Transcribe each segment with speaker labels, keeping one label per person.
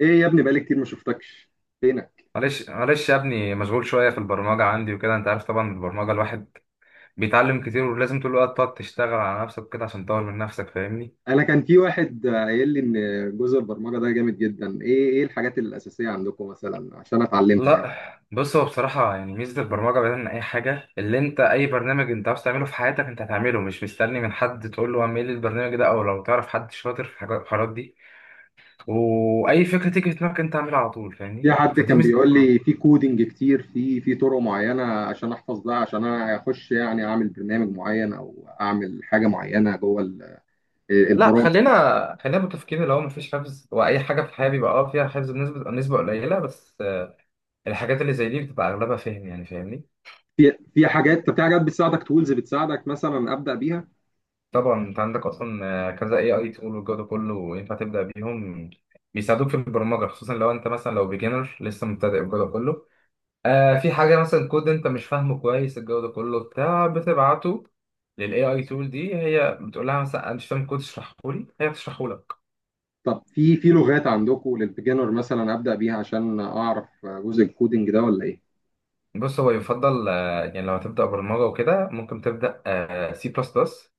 Speaker 1: ايه يا ابني، بقالي كتير ما شفتكش. فينك؟
Speaker 2: معلش يا ابني، مشغول شوية في البرمجة عندي وكده. انت عارف طبعا، البرمجة الواحد بيتعلم كتير، ولازم طول الوقت تقعد تشتغل على نفسك كده عشان تطور من نفسك، فاهمني؟
Speaker 1: انا كان في واحد قايل لي ان جزء البرمجه ده جامد جدا. ايه الحاجات الاساسيه عندكم مثلا عشان اتعلمها
Speaker 2: لا،
Speaker 1: يعني؟
Speaker 2: بص هو بصراحة يعني ميزة البرمجة بعيدا عن أي حاجة، اللي أنت أي برنامج أنت عاوز تعمله في حياتك أنت هتعمله، مش مستني من حد تقول له اعمل لي البرنامج ده، أو لو تعرف حد شاطر في الحاجات دي. وأي فكرة تيجي في دماغك أنت اعملها على طول،
Speaker 1: في
Speaker 2: فاهمني؟
Speaker 1: حد
Speaker 2: فدي
Speaker 1: كان بيقول
Speaker 2: ميزة.
Speaker 1: لي في كودينج كتير في طرق معينه عشان احفظ ده، عشان انا اخش يعني اعمل برنامج معين او اعمل حاجه معينه جوه
Speaker 2: لا،
Speaker 1: البرامج.
Speaker 2: خلينا متفقين اللي هو مفيش حفظ، واي حاجه في الحياه بيبقى اه فيها حفظ بنسبه قليله بس. الحاجات اللي زي دي بتبقى اغلبها فهم، يعني فاهمني.
Speaker 1: في حاجات، طب في حاجات بتساعدك، تولز بتساعدك مثلا ابدا بيها؟
Speaker 2: طبعا انت عندك اصلا كذا اي تول والجو ده كله ينفع تبدا بيهم. بيساعدوك في البرمجه، خصوصا لو انت مثلا لو بيجنر لسه مبتدئ والجو ده كله. آه، في حاجه مثلا كود انت مش فاهمه كويس، الجو ده كله بتاع بتبعته للاي اي تول دي، هي بتقول لها مثلا انا مش فاهم كود اشرحه لي، هي بتشرحه لك.
Speaker 1: طب في لغات عندكم للبيجنر مثلا ابدا بيها عشان اعرف جزء الكودينج ده ولا ايه؟
Speaker 2: بص، هو يفضل يعني لو هتبدا برمجه وكده ممكن تبدا سي بلس بلس،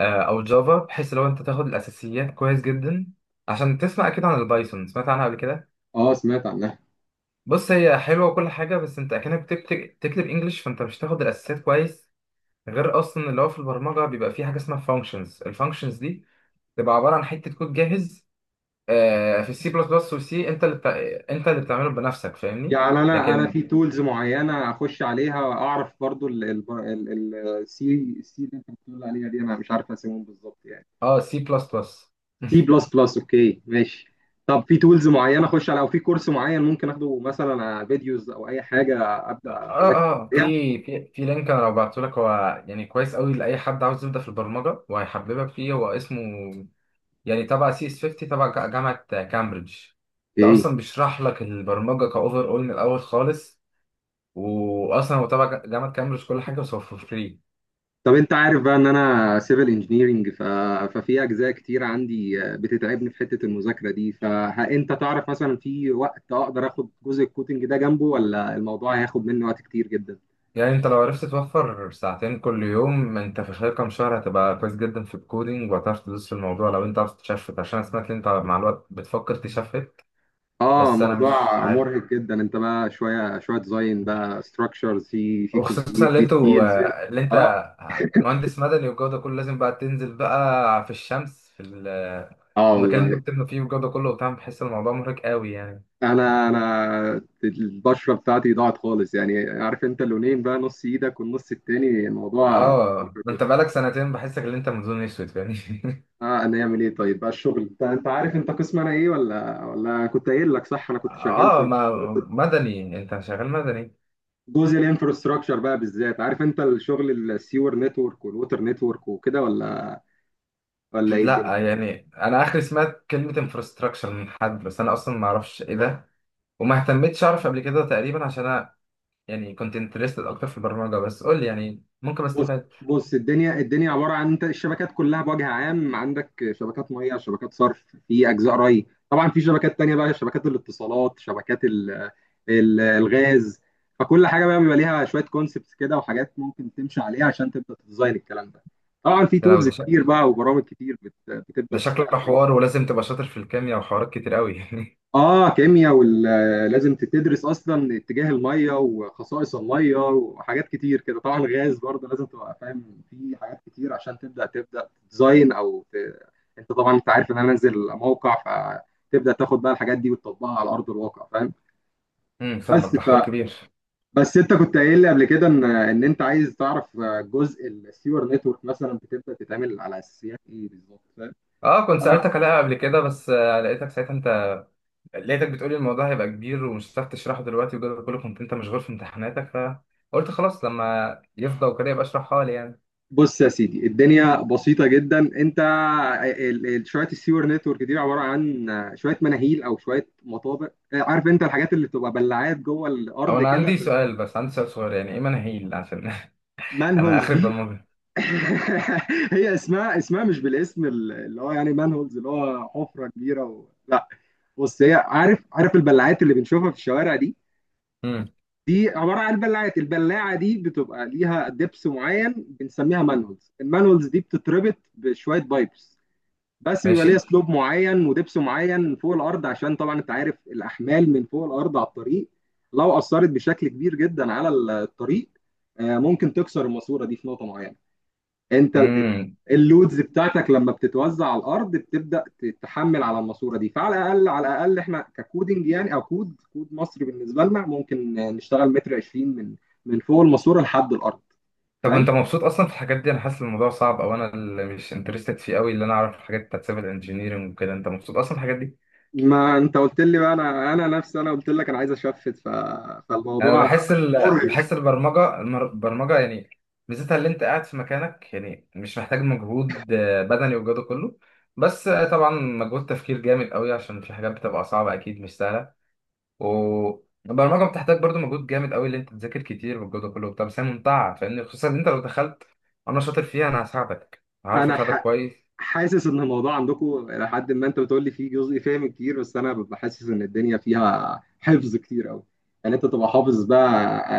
Speaker 2: او جافا، بحيث لو انت تاخد الاساسيات كويس جدا. عشان تسمع، اكيد عن البايثون سمعت عنها قبل كده.
Speaker 1: اه، سمعت عنها.
Speaker 2: بص، هي حلوه وكل حاجه، بس انت اكنك تكتب انجلش، فانت مش هتاخد الاساسيات كويس. غير اصلا اللي هو في البرمجه بيبقى في حاجه اسمها فانكشنز، الفانكشنز دي بتبقى عباره عن حته كود جاهز. في السي بلس بلس والسي انت انت اللي بتعمله بنفسك، فاهمني.
Speaker 1: يعني انا
Speaker 2: لكن
Speaker 1: في تولز معينه اخش عليها اعرف برضو، السي اللي انت بتقول عليها دي انا مش عارف اسمهم بالظبط يعني.
Speaker 2: اه، سي بلس بلس.
Speaker 1: سي بلس بلس، اوكي ماشي. طب في تولز معينه اخش على، او في كورس معين ممكن اخده مثلا على فيديوز او اي حاجه
Speaker 2: اه
Speaker 1: ابدا اذاكر
Speaker 2: اه في
Speaker 1: عليها؟
Speaker 2: في لينك، انا لو بعته لك هو يعني كويس قوي لاي حد عاوز يبدا في البرمجه، وهيحببك فيه. هو اسمه يعني تبع سي اس 50 تبع جامعه كامبريدج. ده
Speaker 1: ايه.
Speaker 2: اصلا بيشرح لك البرمجه كاوفر اول من الاول خالص، واصلا هو تبع جامعه كامبريدج كل حاجه، بس هو فور فري.
Speaker 1: طب انت عارف بقى ان انا سيفل انجينيرنج، ففي اجزاء كتير عندي بتتعبني في حته المذاكره دي. فانت تعرف مثلا في وقت اقدر اخد جزء الكودينج ده جنبه، ولا الموضوع هياخد مني وقت كتير جدا؟
Speaker 2: يعني انت لو عرفت توفر ساعتين كل يوم، انت في خلال كام شهر هتبقى كويس جدا في الكودينج، وهتعرف تدوس في الموضوع لو انت عاوز تشفت، عشان أنا سمعت ان انت مع الوقت بتفكر تشفت.
Speaker 1: اه،
Speaker 2: بس انا مش
Speaker 1: موضوع
Speaker 2: عارف،
Speaker 1: مرهق جدا. انت بقى شويه شويه ديزاين بقى، ستراكشرز، في
Speaker 2: وخصوصا
Speaker 1: كونكريت،
Speaker 2: اللي
Speaker 1: في ستيلز.
Speaker 2: اللي انت
Speaker 1: اه.
Speaker 2: مهندس مدني والجو ده كله، لازم بقى تنزل بقى في الشمس،
Speaker 1: اه
Speaker 2: في المكان اللي
Speaker 1: والله.
Speaker 2: انتوا بتبنوا فيه والجو ده كله وبتاع. بحس الموضوع مرهق قوي يعني.
Speaker 1: انا البشره بتاعتي ضاعت خالص يعني، عارف انت اللونين بقى، نص ايدك والنص التاني، الموضوع
Speaker 2: اه،
Speaker 1: مرهق
Speaker 2: ده انت
Speaker 1: جدا.
Speaker 2: بقالك سنتين بحسك ان انت منظور اسود يعني.
Speaker 1: اه، انا اعمل ايه طيب بقى؟ الشغل، انت عارف انت قسم انا ايه؟ ولا أنا كنت قايل لك؟ صح، انا كنت شغال
Speaker 2: اه،
Speaker 1: في
Speaker 2: ما مدني، انت شغال مدني.
Speaker 1: جزء الانفراستراكشر بقى بالذات. عارف انت الشغل، السيور نتورك والووتر نتورك وكده، ولا ايه الدنيا؟
Speaker 2: لا يعني انا اخري سمعت كلمة انفراستراكشر من حد، بس انا اصلا ما اعرفش ايه ده، وما اهتمتش اعرف قبل كده تقريبا، عشان انا يعني كنت انترستد اكتر في البرمجة. بس قول لي يعني ممكن
Speaker 1: بص
Speaker 2: استفاد.
Speaker 1: بص الدنيا عباره عن انت، الشبكات كلها بوجه عام. عندك شبكات ميه، شبكات صرف، في اجزاء ري طبعا، في شبكات تانية بقى، شبكات الاتصالات، شبكات ال ال الغاز فكل حاجه بقى بيبقى ليها شويه كونسبتس كده وحاجات ممكن تمشي عليها عشان تبدا تديزاين الكلام ده. طبعا في
Speaker 2: لو
Speaker 1: تولز
Speaker 2: ده
Speaker 1: كتير بقى وبرامج كتير بتبدا تشتغل.
Speaker 2: شكله حوار ولازم تبقى شاطر في الكيمياء وحوارات كتير قوي.
Speaker 1: اه كيمياء، ولازم تدرس اصلا اتجاه الميه وخصائص الميه وحاجات كتير كده. طبعا غاز برضه لازم تبقى فاهم في حاجات كتير عشان تبدا تديزاين او انت طبعا انت عارف ان انا انزل موقع. فتبدا تاخد بقى الحاجات دي وتطبقها على ارض الواقع، فاهم.
Speaker 2: امم،
Speaker 1: بس
Speaker 2: فاهمك، ده حوار
Speaker 1: ف...
Speaker 2: كبير.
Speaker 1: بس انت كنت قايل لي قبل كده ان انت عايز تعرف جزء السيور نتورك مثلا بتبدا تتعمل على اساسيات ايه بالظبط، فاهم.
Speaker 2: اه، كنت سألتك عليها قبل كده، بس لقيتك ساعتها انت لقيتك بتقولي الموضوع هيبقى كبير ومش هتعرف تشرحه دلوقتي وكده كله، كنت انت مشغول في امتحاناتك، فقلت خلاص لما يفضى وكده يبقى اشرحها لي يعني.
Speaker 1: بص يا سيدي، الدنيا بسيطة جدا. انت شوية السيور نتورك دي عبارة عن شوية مناهيل او شوية مطابق، عارف انت الحاجات اللي بتبقى بلعات جوه
Speaker 2: او
Speaker 1: الارض
Speaker 2: انا
Speaker 1: كده،
Speaker 2: عندي سؤال بس عندي سؤال صغير، يعني ايه مناهيل عشان انا
Speaker 1: مانهولز
Speaker 2: اخر
Speaker 1: دي.
Speaker 2: برمجة.
Speaker 1: هي اسمها، مش بالاسم اللي هو يعني مانهولز، اللي هو حفرة كبيرة لا، بص هي، عارف البلعات اللي بنشوفها في الشوارع دي،
Speaker 2: امم.
Speaker 1: دي عبارة عن بلعات. البلاعة دي بتبقى ليها دبس معين، بنسميها مانهولز. المانهولز دي بتتربط بشوية بايبس. بس بيبقى ليها
Speaker 2: ماشي.
Speaker 1: سلوب معين ودبس معين فوق الارض. عشان طبعا انت عارف الاحمال من فوق الارض على الطريق، لو اثرت بشكل كبير جدا على الطريق، ممكن تكسر الماسوره دي في نقطه معينه. انت
Speaker 2: امم،
Speaker 1: اللودز بتاعتك لما بتتوزع على الارض بتبدا تتحمل على الماسوره دي. فعلى الاقل، على الاقل احنا ككودنج يعني، او كود مصري، بالنسبه لنا ممكن نشتغل متر 20 من فوق الماسوره لحد الارض،
Speaker 2: طب
Speaker 1: فاهم.
Speaker 2: انت مبسوط اصلا في الحاجات دي؟ انا حاسس الموضوع صعب، او انا اللي مش انترستد فيه قوي، اللي انا اعرف الحاجات بتاعت سيفل انجينيرنج وكده. انت مبسوط اصلا في الحاجات دي؟
Speaker 1: ما انت قلت لي بقى، انا نفسي، انا قلت لك انا عايز اشفت،
Speaker 2: يعني انا
Speaker 1: فالموضوع مرهق.
Speaker 2: بحس البرمجه البرمجه يعني ميزتها اللي انت قاعد في مكانك، يعني مش محتاج مجهود بدني والجو ده كله. بس طبعا مجهود تفكير جامد قوي، عشان في حاجات بتبقى صعبه اكيد مش سهله. والبرمجه بتحتاج برضو مجهود جامد قوي، اللي انت تذاكر كتير والجو ده كله. طب بس هي ممتعه فاهمني، خصوصا ان انت لو دخلت. انا شاطر فيها، انا هساعدك، هعرف
Speaker 1: انا
Speaker 2: اساعدك كويس.
Speaker 1: حاسس ان الموضوع عندكم الى حد ما، انت بتقول لي فيه جزء فهم كتير، بس انا ببقى حاسس ان الدنيا فيها حفظ كتير قوي يعني. انت تبقى حافظ بقى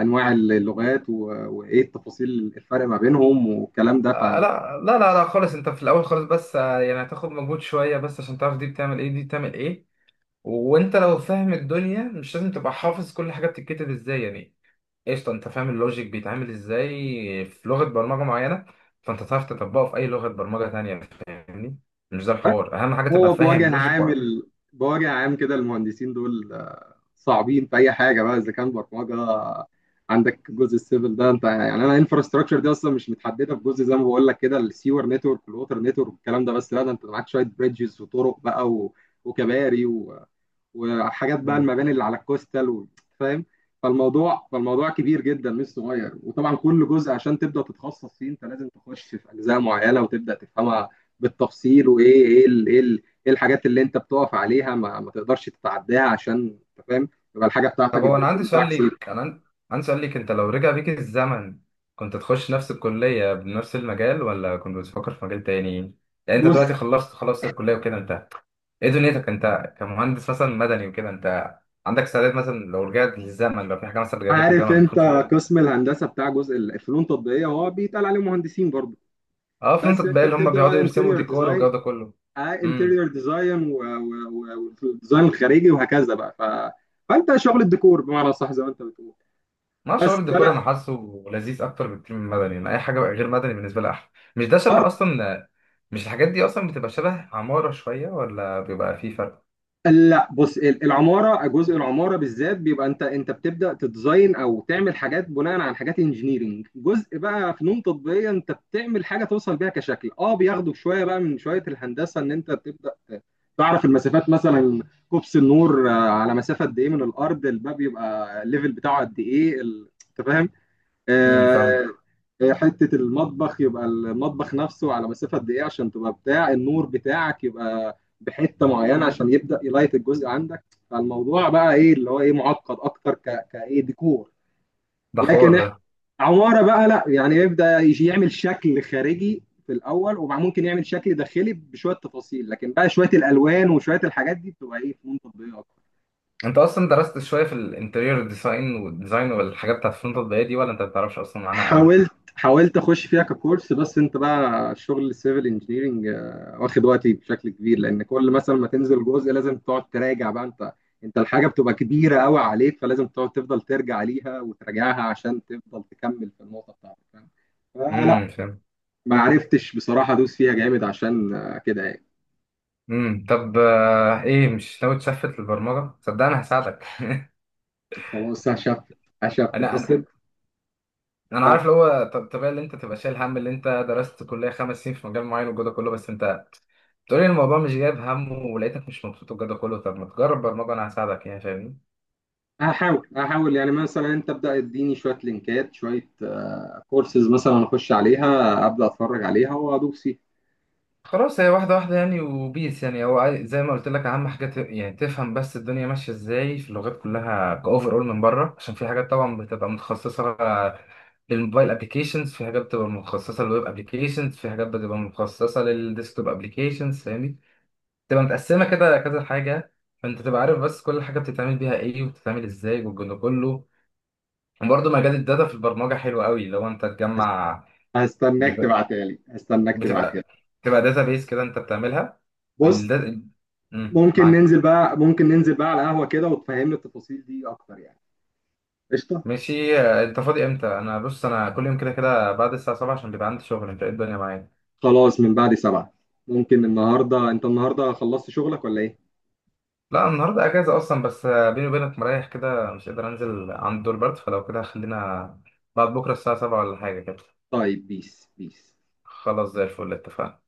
Speaker 1: انواع اللغات وايه التفاصيل، الفرق ما بينهم والكلام ده، فاهم.
Speaker 2: لا خالص، انت في الاول خالص بس يعني هتاخد مجهود شويه بس عشان تعرف دي بتعمل ايه دي بتعمل ايه. وانت لو فاهم الدنيا، مش لازم تبقى حافظ كل حاجه بتتكتب ازاي يعني. قشطه، انت فاهم اللوجيك بيتعمل ازاي في لغه برمجه معينه، فانت تعرف تطبقه في اي لغه برمجه تانية، فاهمني. مش ده الحوار، اهم حاجه تبقى
Speaker 1: هو
Speaker 2: فاهم
Speaker 1: بوجه
Speaker 2: اللوجيك
Speaker 1: عام
Speaker 2: وعارف.
Speaker 1: بوجه عام كده المهندسين دول صعبين في اي حاجه بقى، اذا كان برمجه، عندك جزء السيفل ده انت يعني. انا انفراستراكشر دي اصلا مش متحدده في جزء زي ما بقول لك كده، السيور نتورك والووتر نتورك والكلام ده، بس لا ده انت معاك شويه بريدجز وطرق بقى وكباري وحاجات بقى، المباني اللي على الكوستال فاهم. فالموضوع كبير جدا مش صغير. وطبعا كل جزء عشان تبدا تتخصص فيه انت لازم تخش في اجزاء معينه وتبدا تفهمها بالتفصيل. وايه ايه الحاجات اللي انت بتقف عليها، ما تقدرش تتعداها، عشان انت فاهم يبقى الحاجه بتاعتك
Speaker 2: طب هو انا
Speaker 1: البيلدر
Speaker 2: عندي سؤال
Speaker 1: بتاعك سيف.
Speaker 2: ليك، عندي سؤال ليك، انت لو رجع بيك الزمن كنت تخش نفس الكلية بنفس المجال، ولا كنت بتفكر في مجال تاني؟ يعني انت
Speaker 1: بص،
Speaker 2: دلوقتي خلصت، الكلية وكده. انت ايه دنيتك انت كمهندس مثلا مدني وكده؟ انت عندك استعداد مثلا لو رجعت للزمن، لو في حاجة مثلا رجعت لك
Speaker 1: عارف
Speaker 2: الزمن
Speaker 1: انت
Speaker 2: تخش حاجة تانية؟
Speaker 1: قسم الهندسه بتاع جزء الفنون التطبيقيه هو بيتقال عليه مهندسين برضه.
Speaker 2: اه فهمت
Speaker 1: بس
Speaker 2: بقى،
Speaker 1: انت
Speaker 2: اللي هم
Speaker 1: بتبدا
Speaker 2: بيقعدوا
Speaker 1: بقى
Speaker 2: يرسموا
Speaker 1: انتيريور
Speaker 2: ديكور
Speaker 1: ديزاين،
Speaker 2: والجو ده كله. امم.
Speaker 1: انتريور ديزاين والديزاين الخارجي وهكذا بقى، فانت شغل الديكور بمعنى صح زي ما انت بتقول.
Speaker 2: ما شعور
Speaker 1: بس
Speaker 2: الديكور
Speaker 1: انا
Speaker 2: انا حاسه لذيذ اكتر بكتير من المدني، يعني اي حاجه غير مدني بالنسبه لي احلى. مش ده شبه
Speaker 1: برضه،
Speaker 2: اصلا، مش الحاجات دي اصلا بتبقى شبه عماره شويه، ولا بيبقى في فرق؟
Speaker 1: لا بص العماره، جزء العماره بالذات بيبقى انت، بتبدا تديزاين او تعمل حاجات بناء على حاجات انجينيرنج. جزء بقى فنون تطبيقيه انت بتعمل حاجه توصل بيها كشكل، اه بياخدوا شويه بقى من شويه الهندسه ان انت بتبدا تعرف المسافات مثلا. كوبس النور على مسافه قد ايه من الارض، الباب يبقى الليفل بتاعه قد ايه، انت فاهم.
Speaker 2: امم،
Speaker 1: آه،
Speaker 2: فاهم.
Speaker 1: حتة المطبخ يبقى المطبخ نفسه على مسافة قد إيه، عشان تبقى بتاع النور بتاعك يبقى بحتة معينة عشان يبدأ يلايت الجزء عندك. فالموضوع بقى إيه اللي هو إيه، معقد أكتر كإيه، ديكور
Speaker 2: ده حوار
Speaker 1: لكن
Speaker 2: ده.
Speaker 1: إحنا عمارة بقى، لا يعني يبدأ يجي يعمل شكل خارجي في الأول وممكن يعمل شكل داخلي بشوية تفاصيل، لكن بقى شوية الألوان وشوية الحاجات دي بتبقى إيه فنون تطبيقية أكتر.
Speaker 2: انت اصلا درست شويه في الانتريور ديزاين والديزاين والحاجات بتاعت الفرونت الضيقه دي، ولا انت ما بتعرفش اصلا عنها قوي؟
Speaker 1: حاولت، حاولت اخش فيها ككورس، بس انت بقى شغل السيفل انجينيرنج واخد وقتي بشكل كبير. لان كل مثلا ما تنزل جزء لازم تقعد تراجع بقى انت، الحاجه بتبقى كبيره قوي عليك، فلازم تقعد تفضل ترجع ليها وتراجعها عشان تفضل تكمل في النقطه بتاعتك، فاهم. فلا،
Speaker 2: امم، فاهم.
Speaker 1: ما عرفتش بصراحه ادوس فيها جامد عشان كده يعني.
Speaker 2: امم، طب ايه مش ناوي تشفت للبرمجه؟ صدقني هساعدك.
Speaker 1: خلاص، هشفت. هشفت بس.
Speaker 2: انا انا عارف اللي هو طبيعي اللي انت تبقى شايل هم اللي انت درست كليه خمس سنين في مجال معين والجو ده كله، بس انت بتقولي الموضوع مش جايب همه، ولقيتك مش مبسوط والجو ده كله، طب ما تجرب برمجه، انا هساعدك يعني فاهمني.
Speaker 1: هحاول، هحاول يعني، مثلا انت ابدا اديني شويه لينكات، شويه كورسز مثلا اخش عليها ابدا اتفرج عليها وادوس فيها.
Speaker 2: خلاص، هي واحده واحده يعني وبيس، يعني هو زي ما قلت لك اهم حاجه يعني تفهم بس الدنيا ماشيه ازاي في اللغات كلها كاوفر اول من بره. عشان في حاجات طبعا بتبقى متخصصه للموبايل ابلكيشنز، في حاجات بتبقى متخصصه للويب ابلكيشنز، في حاجات بتبقى متخصصه للديسكتوب ابلكيشنز، فاهمني؟ تبقى متقسمة كده كذا حاجة. فأنت تبقى عارف بس كل حاجة بتتعمل بيها إيه وبتتعمل إزاي والجو ده كله. وبرضه مجال الداتا في البرمجة حلو قوي لو أنت تجمع.
Speaker 1: هستناك
Speaker 2: بيبقى-
Speaker 1: تبعتها لي، هستناك تبعتها لي.
Speaker 2: بتبقى بتبقى داتا بيس كده أنت بتعملها.
Speaker 1: بص،
Speaker 2: والدا... مم،
Speaker 1: ممكن
Speaker 2: معاك.
Speaker 1: ننزل بقى، ممكن ننزل بقى على قهوة كده وتفهمني التفاصيل دي اكتر يعني، قشطة.
Speaker 2: ماشي. آه، أنت فاضي إمتى؟ أنا بص أنا كل يوم كده كده بعد الساعة 7، عشان بيبقى عندي شغل. أنت إيه الدنيا معايا؟
Speaker 1: خلاص، من بعد 7 ممكن. النهاردة، انت النهاردة خلصت شغلك ولا ايه؟
Speaker 2: لا، النهاردة أجازة أصلا، بس آه، بيني وبينك مريح كده مش قادر أنزل، عند دور برد فلو كده. خلينا بعد بكرة الساعة 7 ولا حاجة كده.
Speaker 1: طيب، بيس بيس.
Speaker 2: خلاص، زي الفل، اتفقنا.